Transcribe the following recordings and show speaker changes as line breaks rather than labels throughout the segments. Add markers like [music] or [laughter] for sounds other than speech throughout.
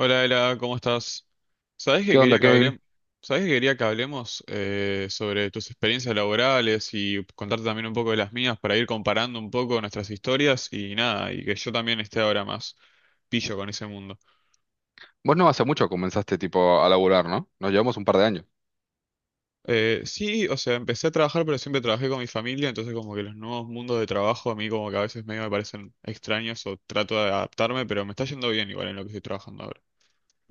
Hola, Ela, ¿cómo estás? ¿Sabés que
¿Qué
quería
onda,
que
Kevin?
hablemos, ¿sabés que quería que hablemos sobre tus experiencias laborales y contarte también un poco de las mías para ir comparando un poco nuestras historias y nada, y que yo también esté ahora más pillo con ese mundo?
Vos no hace mucho comenzaste tipo a laburar, ¿no? Nos llevamos un par de años.
Sí, o sea, empecé a trabajar, pero siempre trabajé con mi familia, entonces como que los nuevos mundos de trabajo a mí como que a veces medio me parecen extraños o trato de adaptarme, pero me está yendo bien igual en lo que estoy trabajando ahora.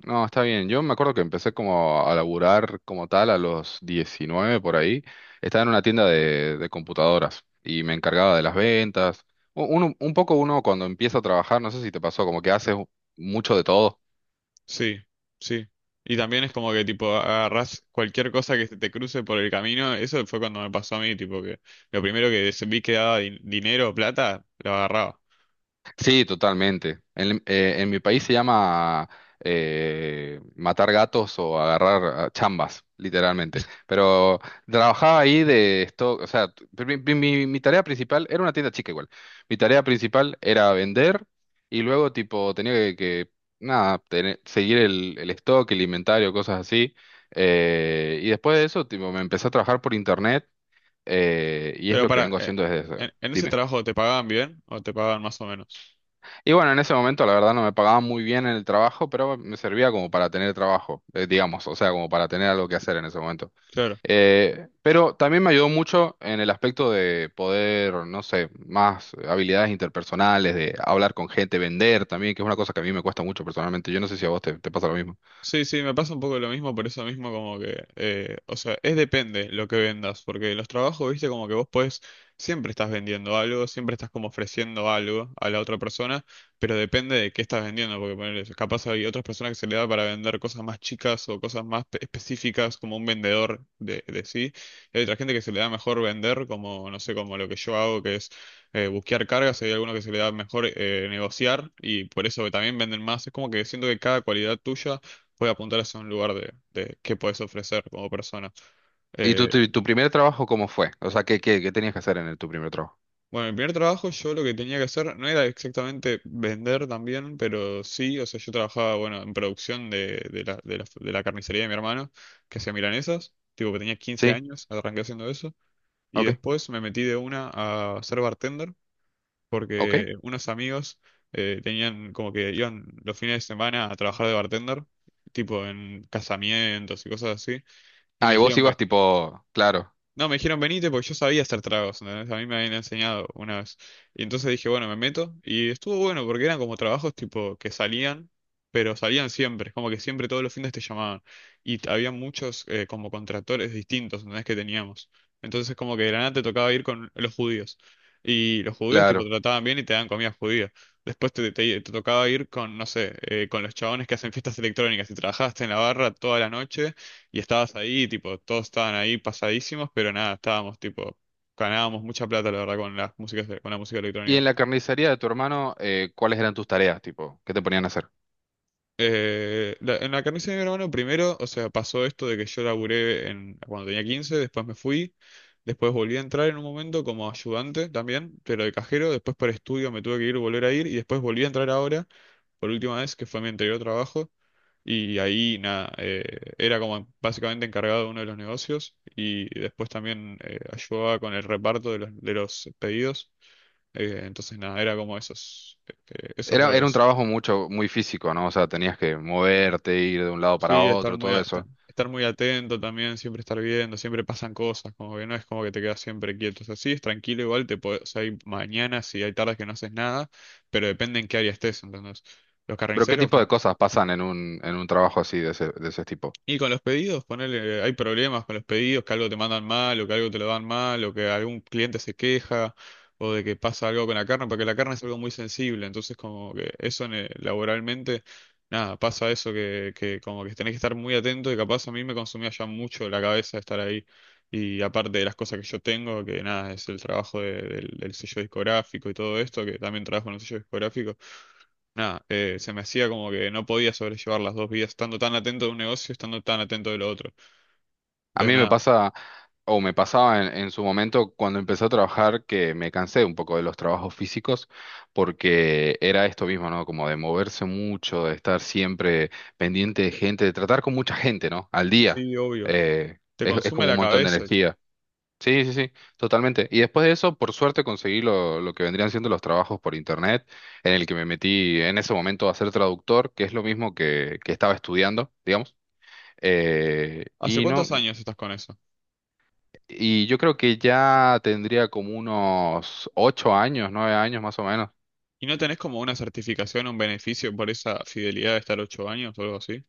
No, está bien. Yo me acuerdo que empecé como a laburar como tal a los 19 por ahí. Estaba en una tienda de computadoras y me encargaba de las ventas. Un poco uno cuando empieza a trabajar, no sé si te pasó, como que haces mucho de todo.
Sí, sí. Y también es como que tipo agarrás cualquier cosa que se te cruce por el camino. Eso fue cuando me pasó a mí, tipo que lo primero que vi que daba dinero o plata, lo agarraba.
Sí, totalmente. En mi país se llama matar gatos o agarrar chambas, literalmente. Pero trabajaba ahí de esto, o sea, mi tarea principal era una tienda chica igual. Mi tarea principal era vender y luego tipo tenía nada, seguir el stock, el inventario, cosas así. Y después de eso, tipo, me empecé a trabajar por internet, y es
Pero
lo que
para,
vengo haciendo desde...
¿en ese
Dime.
trabajo te pagaban bien o te pagaban más o menos?
Y bueno, en ese momento la verdad no me pagaban muy bien en el trabajo, pero me servía como para tener trabajo, digamos, o sea, como para tener algo que hacer en ese momento.
Claro.
Pero también me ayudó mucho en el aspecto de poder, no sé, más habilidades interpersonales, de hablar con gente, vender también, que es una cosa que a mí me cuesta mucho personalmente. Yo no sé si a vos te pasa lo mismo.
Sí, sí, me pasa un poco lo mismo, por eso mismo como que, o sea, es depende lo que vendas, porque los trabajos, viste, como que vos podés, siempre estás vendiendo algo, siempre estás como ofreciendo algo a la otra persona, pero depende de qué estás vendiendo, porque ponele, capaz hay otras personas que se le da para vender cosas más chicas o cosas más específicas, como un vendedor de sí, y hay otra gente que se le da mejor vender, como, no sé, como lo que yo hago, que es buscar cargas, hay algunos que se le da mejor negociar, y por eso también venden más, es como que siento que cada cualidad tuya puede apuntar hacia un lugar de qué puedes ofrecer como persona.
¿Y tu,
Eh,
tu, tu primer trabajo cómo fue? O sea, ¿qué tenías que hacer en tu primer trabajo?
bueno, en mi primer trabajo yo lo que tenía que hacer no era exactamente vender también, pero sí, o sea, yo trabajaba, bueno, en producción de, de la carnicería de mi hermano, que hacía milanesas, tipo que tenía 15
Sí,
años, arranqué haciendo eso, y
ok,
después me metí de una a ser bartender,
ok.
porque unos amigos tenían como que iban los fines de semana a trabajar de bartender, tipo en casamientos y cosas así, y
Ah,
me
y vos
dijeron.
ibas tipo, claro,
No, me dijeron venite porque yo sabía hacer tragos, ¿entendés? A mí me habían enseñado una vez. Y entonces dije, bueno, me meto. Y estuvo bueno porque eran como trabajos tipo que salían, pero salían siempre. Es como que siempre todos los fines te llamaban. Y había muchos como contractores distintos, ¿entendés? Que teníamos. Entonces como que de la nada te tocaba ir con los judíos. Y los judíos tipo
claro.
te trataban bien y te daban comida judía. Después te tocaba ir con, no sé, con los chabones que hacen fiestas electrónicas y trabajaste en la barra toda la noche y estabas ahí, tipo, todos estaban ahí pasadísimos, pero nada, estábamos, tipo, ganábamos mucha plata, la verdad, con las músicas, con la música
Y
electrónica.
en la carnicería de tu hermano, ¿cuáles eran tus tareas, tipo? ¿Qué te ponían a hacer?
En la carnicería de mi hermano, primero, o sea, pasó esto de que yo laburé en, cuando tenía 15 después me fui, después volví a entrar en un momento como ayudante también, pero de cajero, después por estudio me tuve que ir, volver a ir, y después volví a entrar ahora, por última vez, que fue mi anterior trabajo. Y ahí, nada, era como básicamente encargado de uno de los negocios y después también ayudaba con el reparto de de los pedidos. Entonces, nada, era como esos, esos
Era un
roles.
trabajo muy físico, ¿no? O sea, tenías que moverte, ir de un lado para
Sí, estar
otro,
muy,
todo eso.
estar muy atento también, siempre estar viendo, siempre pasan cosas, como que no es como que te quedas siempre quieto. O sea, sí, es tranquilo igual, o sea, hay mañanas y hay tardes que no haces nada, pero depende en qué área estés, entonces. Los
Pero ¿qué
carniceros.
tipo de cosas pasan en un trabajo así de ese tipo?
Y con los pedidos, ponele, hay problemas con los pedidos, que algo te mandan mal, o que algo te lo dan mal, o que algún cliente se queja, o de que pasa algo con la carne, porque la carne es algo muy sensible, entonces como que eso laboralmente, nada, pasa eso que como que tenés que estar muy atento y capaz a mí me consumía ya mucho la cabeza estar ahí. Y aparte de las cosas que yo tengo, que nada, es el trabajo del sello discográfico y todo esto, que también trabajo en un sello discográfico. Nada, se me hacía como que no podía sobrellevar las dos vidas, estando tan atento de un negocio, estando tan atento de lo otro.
A
Entonces,
mí me
nada,
pasa, o me pasaba en su momento cuando empecé a trabajar, que me cansé un poco de los trabajos físicos, porque era esto mismo, ¿no? Como de moverse mucho, de estar siempre pendiente de gente, de tratar con mucha gente, ¿no? Al día.
sí, obvio,
Eh,
te
es es
consume
como un
la
montón de
cabeza.
energía. Sí, sí, sí, totalmente. Y después de eso, por suerte, conseguí lo que vendrían siendo los trabajos por internet, en el que me metí en ese momento a ser traductor, que es lo mismo que estaba estudiando, digamos. Eh,
¿Hace
y no,
cuántos años estás con eso?
yo creo que ya tendría como unos 8 años, 9 años más o menos.
¿Y no tenés como una certificación, un beneficio por esa fidelidad de estar 8 años o algo así?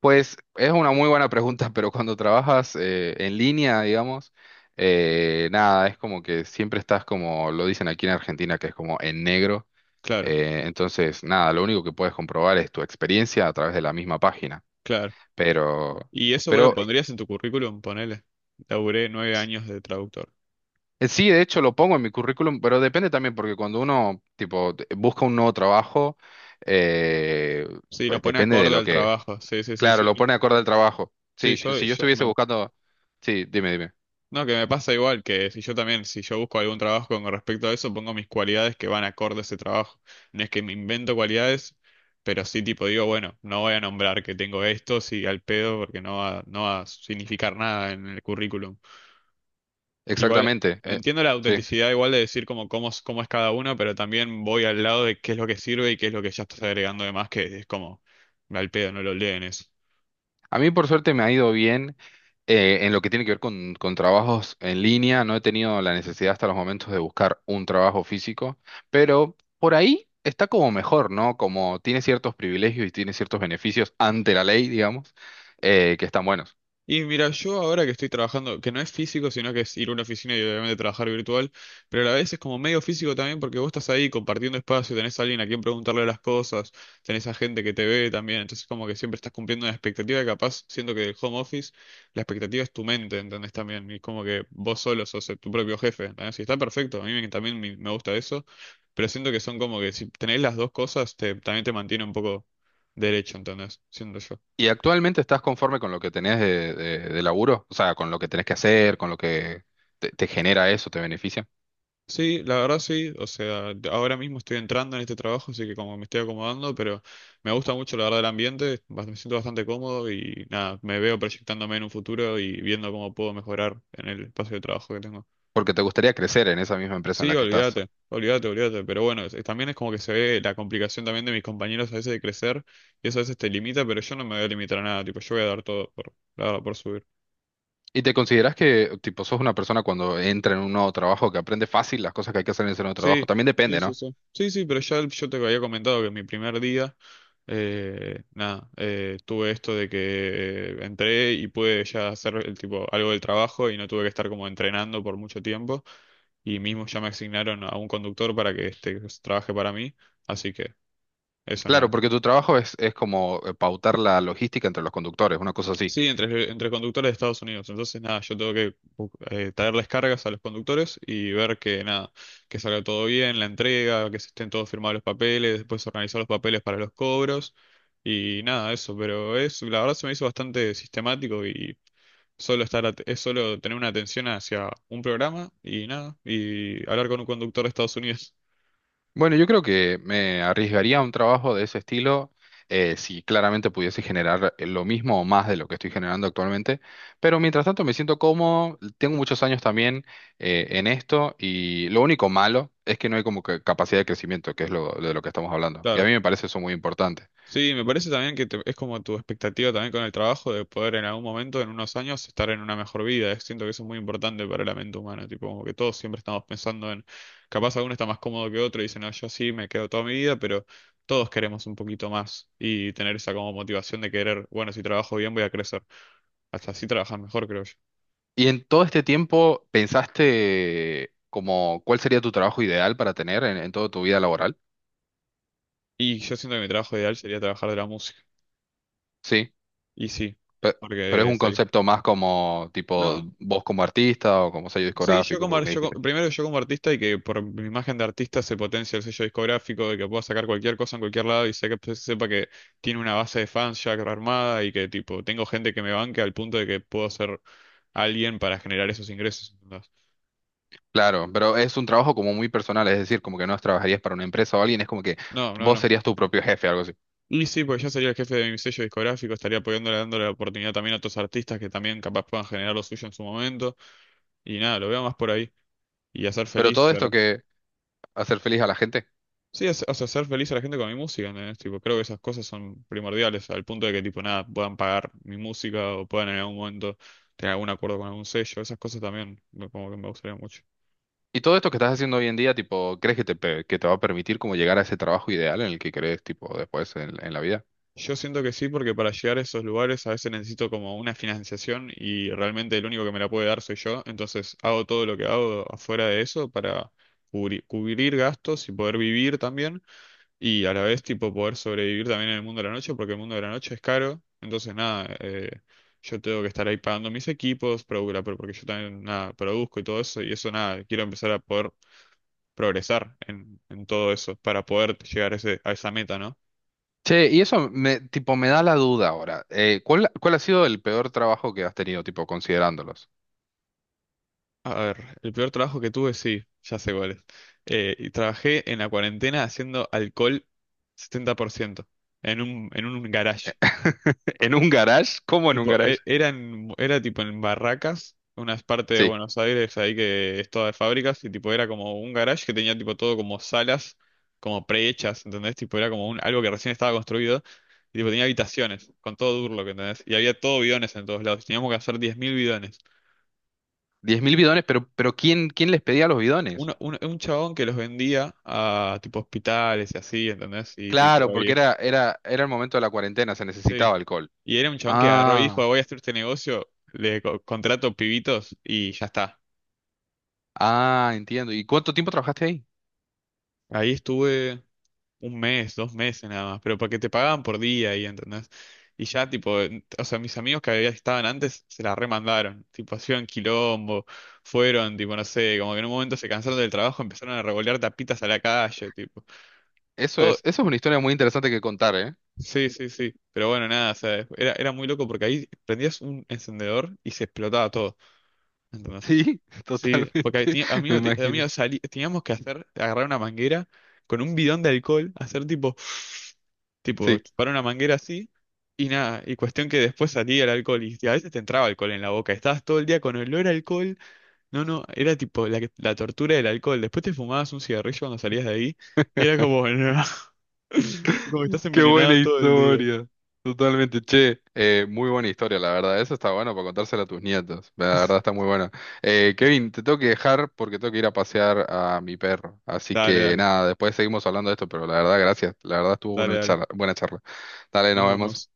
Pues es una muy buena pregunta, pero cuando trabajas en línea, digamos. Nada, es como que siempre estás como lo dicen aquí en Argentina, que es como en negro.
Claro,
Entonces, nada, lo único que puedes comprobar es tu experiencia a través de la misma página.
claro.
Pero,
¿Y eso vos lo
pero
pondrías en tu currículum? Ponele. Laburé 9 años de traductor.
eh, sí, de hecho lo pongo en mi currículum, pero depende también porque cuando uno, tipo, busca un nuevo trabajo, eh,
Sí, lo
pues
pone
depende de
acorde
lo
al
que,
trabajo. Sí, sí, sí,
claro,
sí.
lo pone acorde al trabajo.
Sí,
Sí,
yo,
pues si yo
yo
estuviese
me,
buscando, sí, dime, dime.
No, que me pasa igual, que si yo también, si yo busco algún trabajo con respecto a eso, pongo mis cualidades que van acorde a ese trabajo. No es que me invento cualidades, pero sí tipo digo, bueno, no voy a nombrar que tengo esto, sí, al pedo, porque no va, no va a significar nada en el currículum. Igual,
Exactamente.
entiendo la
Sí.
autenticidad igual de decir como cómo, cómo es cada uno, pero también voy al lado de qué es lo que sirve y qué es lo que ya estás agregando de más, que es como, al pedo, no lo leen eso.
A mí por suerte me ha ido bien, en lo que tiene que ver con trabajos en línea. No he tenido la necesidad hasta los momentos de buscar un trabajo físico, pero por ahí está como mejor, ¿no? Como tiene ciertos privilegios y tiene ciertos beneficios ante la ley, digamos, que están buenos.
Y mira, yo ahora que estoy trabajando, que no es físico, sino que es ir a una oficina y obviamente trabajar virtual, pero a la vez es como medio físico también porque vos estás ahí compartiendo espacio, tenés a alguien a quien preguntarle las cosas, tenés a gente que te ve también, entonces como que siempre estás cumpliendo una expectativa que capaz, siento que el home office, la expectativa es tu mente, ¿entendés también? Y es como que vos solo sos tu propio jefe, ¿entendés? Y está perfecto, a también me gusta eso, pero siento que son como que si tenés las dos cosas, te, también te mantiene un poco derecho, ¿entendés? Siento yo.
¿Y actualmente estás conforme con lo que tenés de laburo? O sea, con lo que tenés que hacer, con lo que te genera eso, te beneficia.
Sí, la verdad sí, o sea, ahora mismo estoy entrando en este trabajo, así que como me estoy acomodando, pero me gusta mucho la verdad el ambiente, me siento bastante cómodo y nada, me veo proyectándome en un futuro y viendo cómo puedo mejorar en el espacio de trabajo que tengo.
Porque te gustaría crecer en esa misma empresa en
Sí,
la que estás.
olvídate, olvídate, olvídate, pero bueno, también es como que se ve la complicación también de mis compañeros a veces de crecer y eso a veces te limita, pero yo no me voy a limitar a nada, tipo, yo voy a dar todo por, la verdad, por subir.
¿Y te consideras que, tipo, sos una persona cuando entra en un nuevo trabajo que aprende fácil las cosas que hay que hacer en ese nuevo trabajo?
Sí,
También
sí,
depende,
sí,
¿no?
sí. Sí, sí, pero ya yo te había comentado que mi primer día... nada, tuve esto de que entré y pude ya hacer el tipo algo del trabajo y no tuve que estar como entrenando por mucho tiempo y mismo ya me asignaron a un conductor para que este pues, trabaje para mí, así que eso
Claro,
nada.
porque tu trabajo es como pautar la logística entre los conductores, una cosa así.
Sí, entre conductores de Estados Unidos, entonces nada, yo tengo que traerles cargas a los conductores y ver que nada, que salga todo bien, la entrega, que se estén todos firmados los papeles, después organizar los papeles para los cobros. Y nada, eso, pero es, la verdad se me hizo bastante sistemático y solo estar, es solo tener una atención hacia un programa y nada, y hablar con un conductor de Estados Unidos. [laughs]
Bueno, yo creo que me arriesgaría a un trabajo de ese estilo, si claramente pudiese generar lo mismo o más de lo que estoy generando actualmente. Pero mientras tanto me siento cómodo, tengo muchos años también, en esto y lo único malo es que no hay como que capacidad de crecimiento, que es de lo que estamos hablando. Y a
Claro.
mí me parece eso muy importante.
Sí, me parece también que es como tu expectativa también con el trabajo de poder en algún momento, en unos años, estar en una mejor vida. Siento que eso es muy importante para la mente humana, tipo como que todos siempre estamos pensando en, capaz alguno está más cómodo que otro y dice, no, yo sí me quedo toda mi vida, pero todos queremos un poquito más y tener esa como motivación de querer, bueno, si trabajo bien voy a crecer. Hasta así trabajas mejor, creo yo.
Y en todo este tiempo, ¿pensaste como cuál sería tu trabajo ideal para tener en toda tu vida laboral?
Y yo siento que mi trabajo ideal sería trabajar de la música.
Sí,
Y sí,
pe- pero es
porque
un
sería.
concepto más como tipo
No,
vos como artista o como sello
sí, yo
discográfico,
como,
porque me dijiste.
primero yo como artista y que por mi imagen de artista se potencia el sello discográfico, de que pueda sacar cualquier cosa en cualquier lado y sé que sepa que tiene una base de fans ya armada y que tipo tengo gente que me banque al punto de que puedo ser alguien para generar esos ingresos, ¿entendés?
Claro, pero es un trabajo como muy personal, es decir, como que no trabajarías para una empresa o alguien, es como que
No, no,
vos
no.
serías tu propio jefe, algo así.
Y sí, pues yo sería el jefe de mi sello discográfico, estaría apoyándole, dándole la oportunidad también a otros artistas que también capaz puedan generar lo suyo en su momento. Y nada, lo veo más por ahí. Y hacer
Pero
feliz.
todo esto que hacer feliz a la gente
Sí, o sea, hacer feliz a la gente con mi música, ¿entendés? Tipo, creo que esas cosas son primordiales, al punto de que, tipo, nada, puedan pagar mi música o puedan en algún momento tener algún acuerdo con algún sello, esas cosas también, como que me gustaría mucho.
y todo esto que estás haciendo hoy en día, tipo, ¿crees que que te va a permitir como llegar a ese trabajo ideal en el que crees, tipo, después en la vida?
Yo siento que sí, porque para llegar a esos lugares a veces necesito como una financiación y realmente el único que me la puede dar soy yo, entonces hago todo lo que hago afuera de eso para cubrir gastos y poder vivir también. Y a la vez, tipo, poder sobrevivir también en el mundo de la noche, porque el mundo de la noche es caro. Entonces, nada, yo tengo que estar ahí pagando mis equipos, porque yo también, nada, produzco y todo eso. Y eso, nada, quiero empezar a poder progresar en todo eso para poder llegar a, ese, a esa meta, ¿no?
Che, y eso tipo, me da la duda ahora. ¿Cuál ha sido el peor trabajo que has tenido, tipo, considerándolos?
A ver, el peor trabajo que tuve, sí, ya sé cuál es. Y trabajé en la cuarentena haciendo alcohol 70% en un garage.
[laughs] ¿En un garage? ¿Cómo en un
Tipo,
garage?
era tipo en Barracas, unas partes de
Sí.
Buenos Aires ahí que es toda de fábricas, y tipo era como un garage que tenía tipo todo como salas, como prehechas, ¿entendés? Tipo era como un, algo que recién estaba construido, y tipo tenía habitaciones, con todo Durlock, ¿entendés? Y había todo bidones en todos lados, y teníamos que hacer 10.000 bidones.
10.000 bidones, pero ¿quién les pedía los bidones?
Un chabón que los vendía a tipo hospitales y así, ¿entendés? Y tipo,
Claro, porque
oye,
era el momento de la cuarentena, se
sí.
necesitaba alcohol.
Y era un chabón que agarró y
Ah,
dijo, voy a hacer este negocio, le contrato pibitos y ya está.
ah, entiendo. ¿Y cuánto tiempo trabajaste ahí?
Ahí estuve un mes, 2 meses nada más, pero porque te pagaban por día, y ¿entendés? Y ya, tipo, o sea, mis amigos que estaban antes se la remandaron, tipo, hacían quilombo, fueron, tipo, no sé, como que en un momento se cansaron del trabajo, empezaron a revolear tapitas a la calle, tipo.
Eso es,
Todo-
eso es una historia muy interesante que contar, ¿eh?
sí, sí, sí, pero bueno, nada, o sea, era, era muy loco porque ahí prendías un encendedor y se explotaba todo, ¿entendés?
Sí, [laughs]
Sí, porque ahí
totalmente, me imagino.
amigos, teníamos que hacer, agarrar una manguera con un bidón de alcohol, hacer tipo. Tipo,
Sí.
para una manguera así y nada. Y cuestión que después salía el alcohol y a veces te entraba alcohol en la boca. Estabas todo el día con olor a alcohol. No, no, era tipo la, la tortura del alcohol. Después te fumabas un cigarrillo cuando salías de ahí y era como, [laughs] no, como que estás
Qué buena
envenenado todo el día.
historia. Totalmente, che, muy buena historia, la verdad. Eso está bueno para contárselo a tus nietos. La verdad está muy buena. Kevin, te tengo que dejar porque tengo que ir a pasear a mi perro. Así
Dale,
que
dale,
nada, después seguimos hablando de esto, pero la verdad, gracias. La verdad estuvo
dale,
una
dale.
buena charla. Dale,
Nos
nos vemos.
vamos.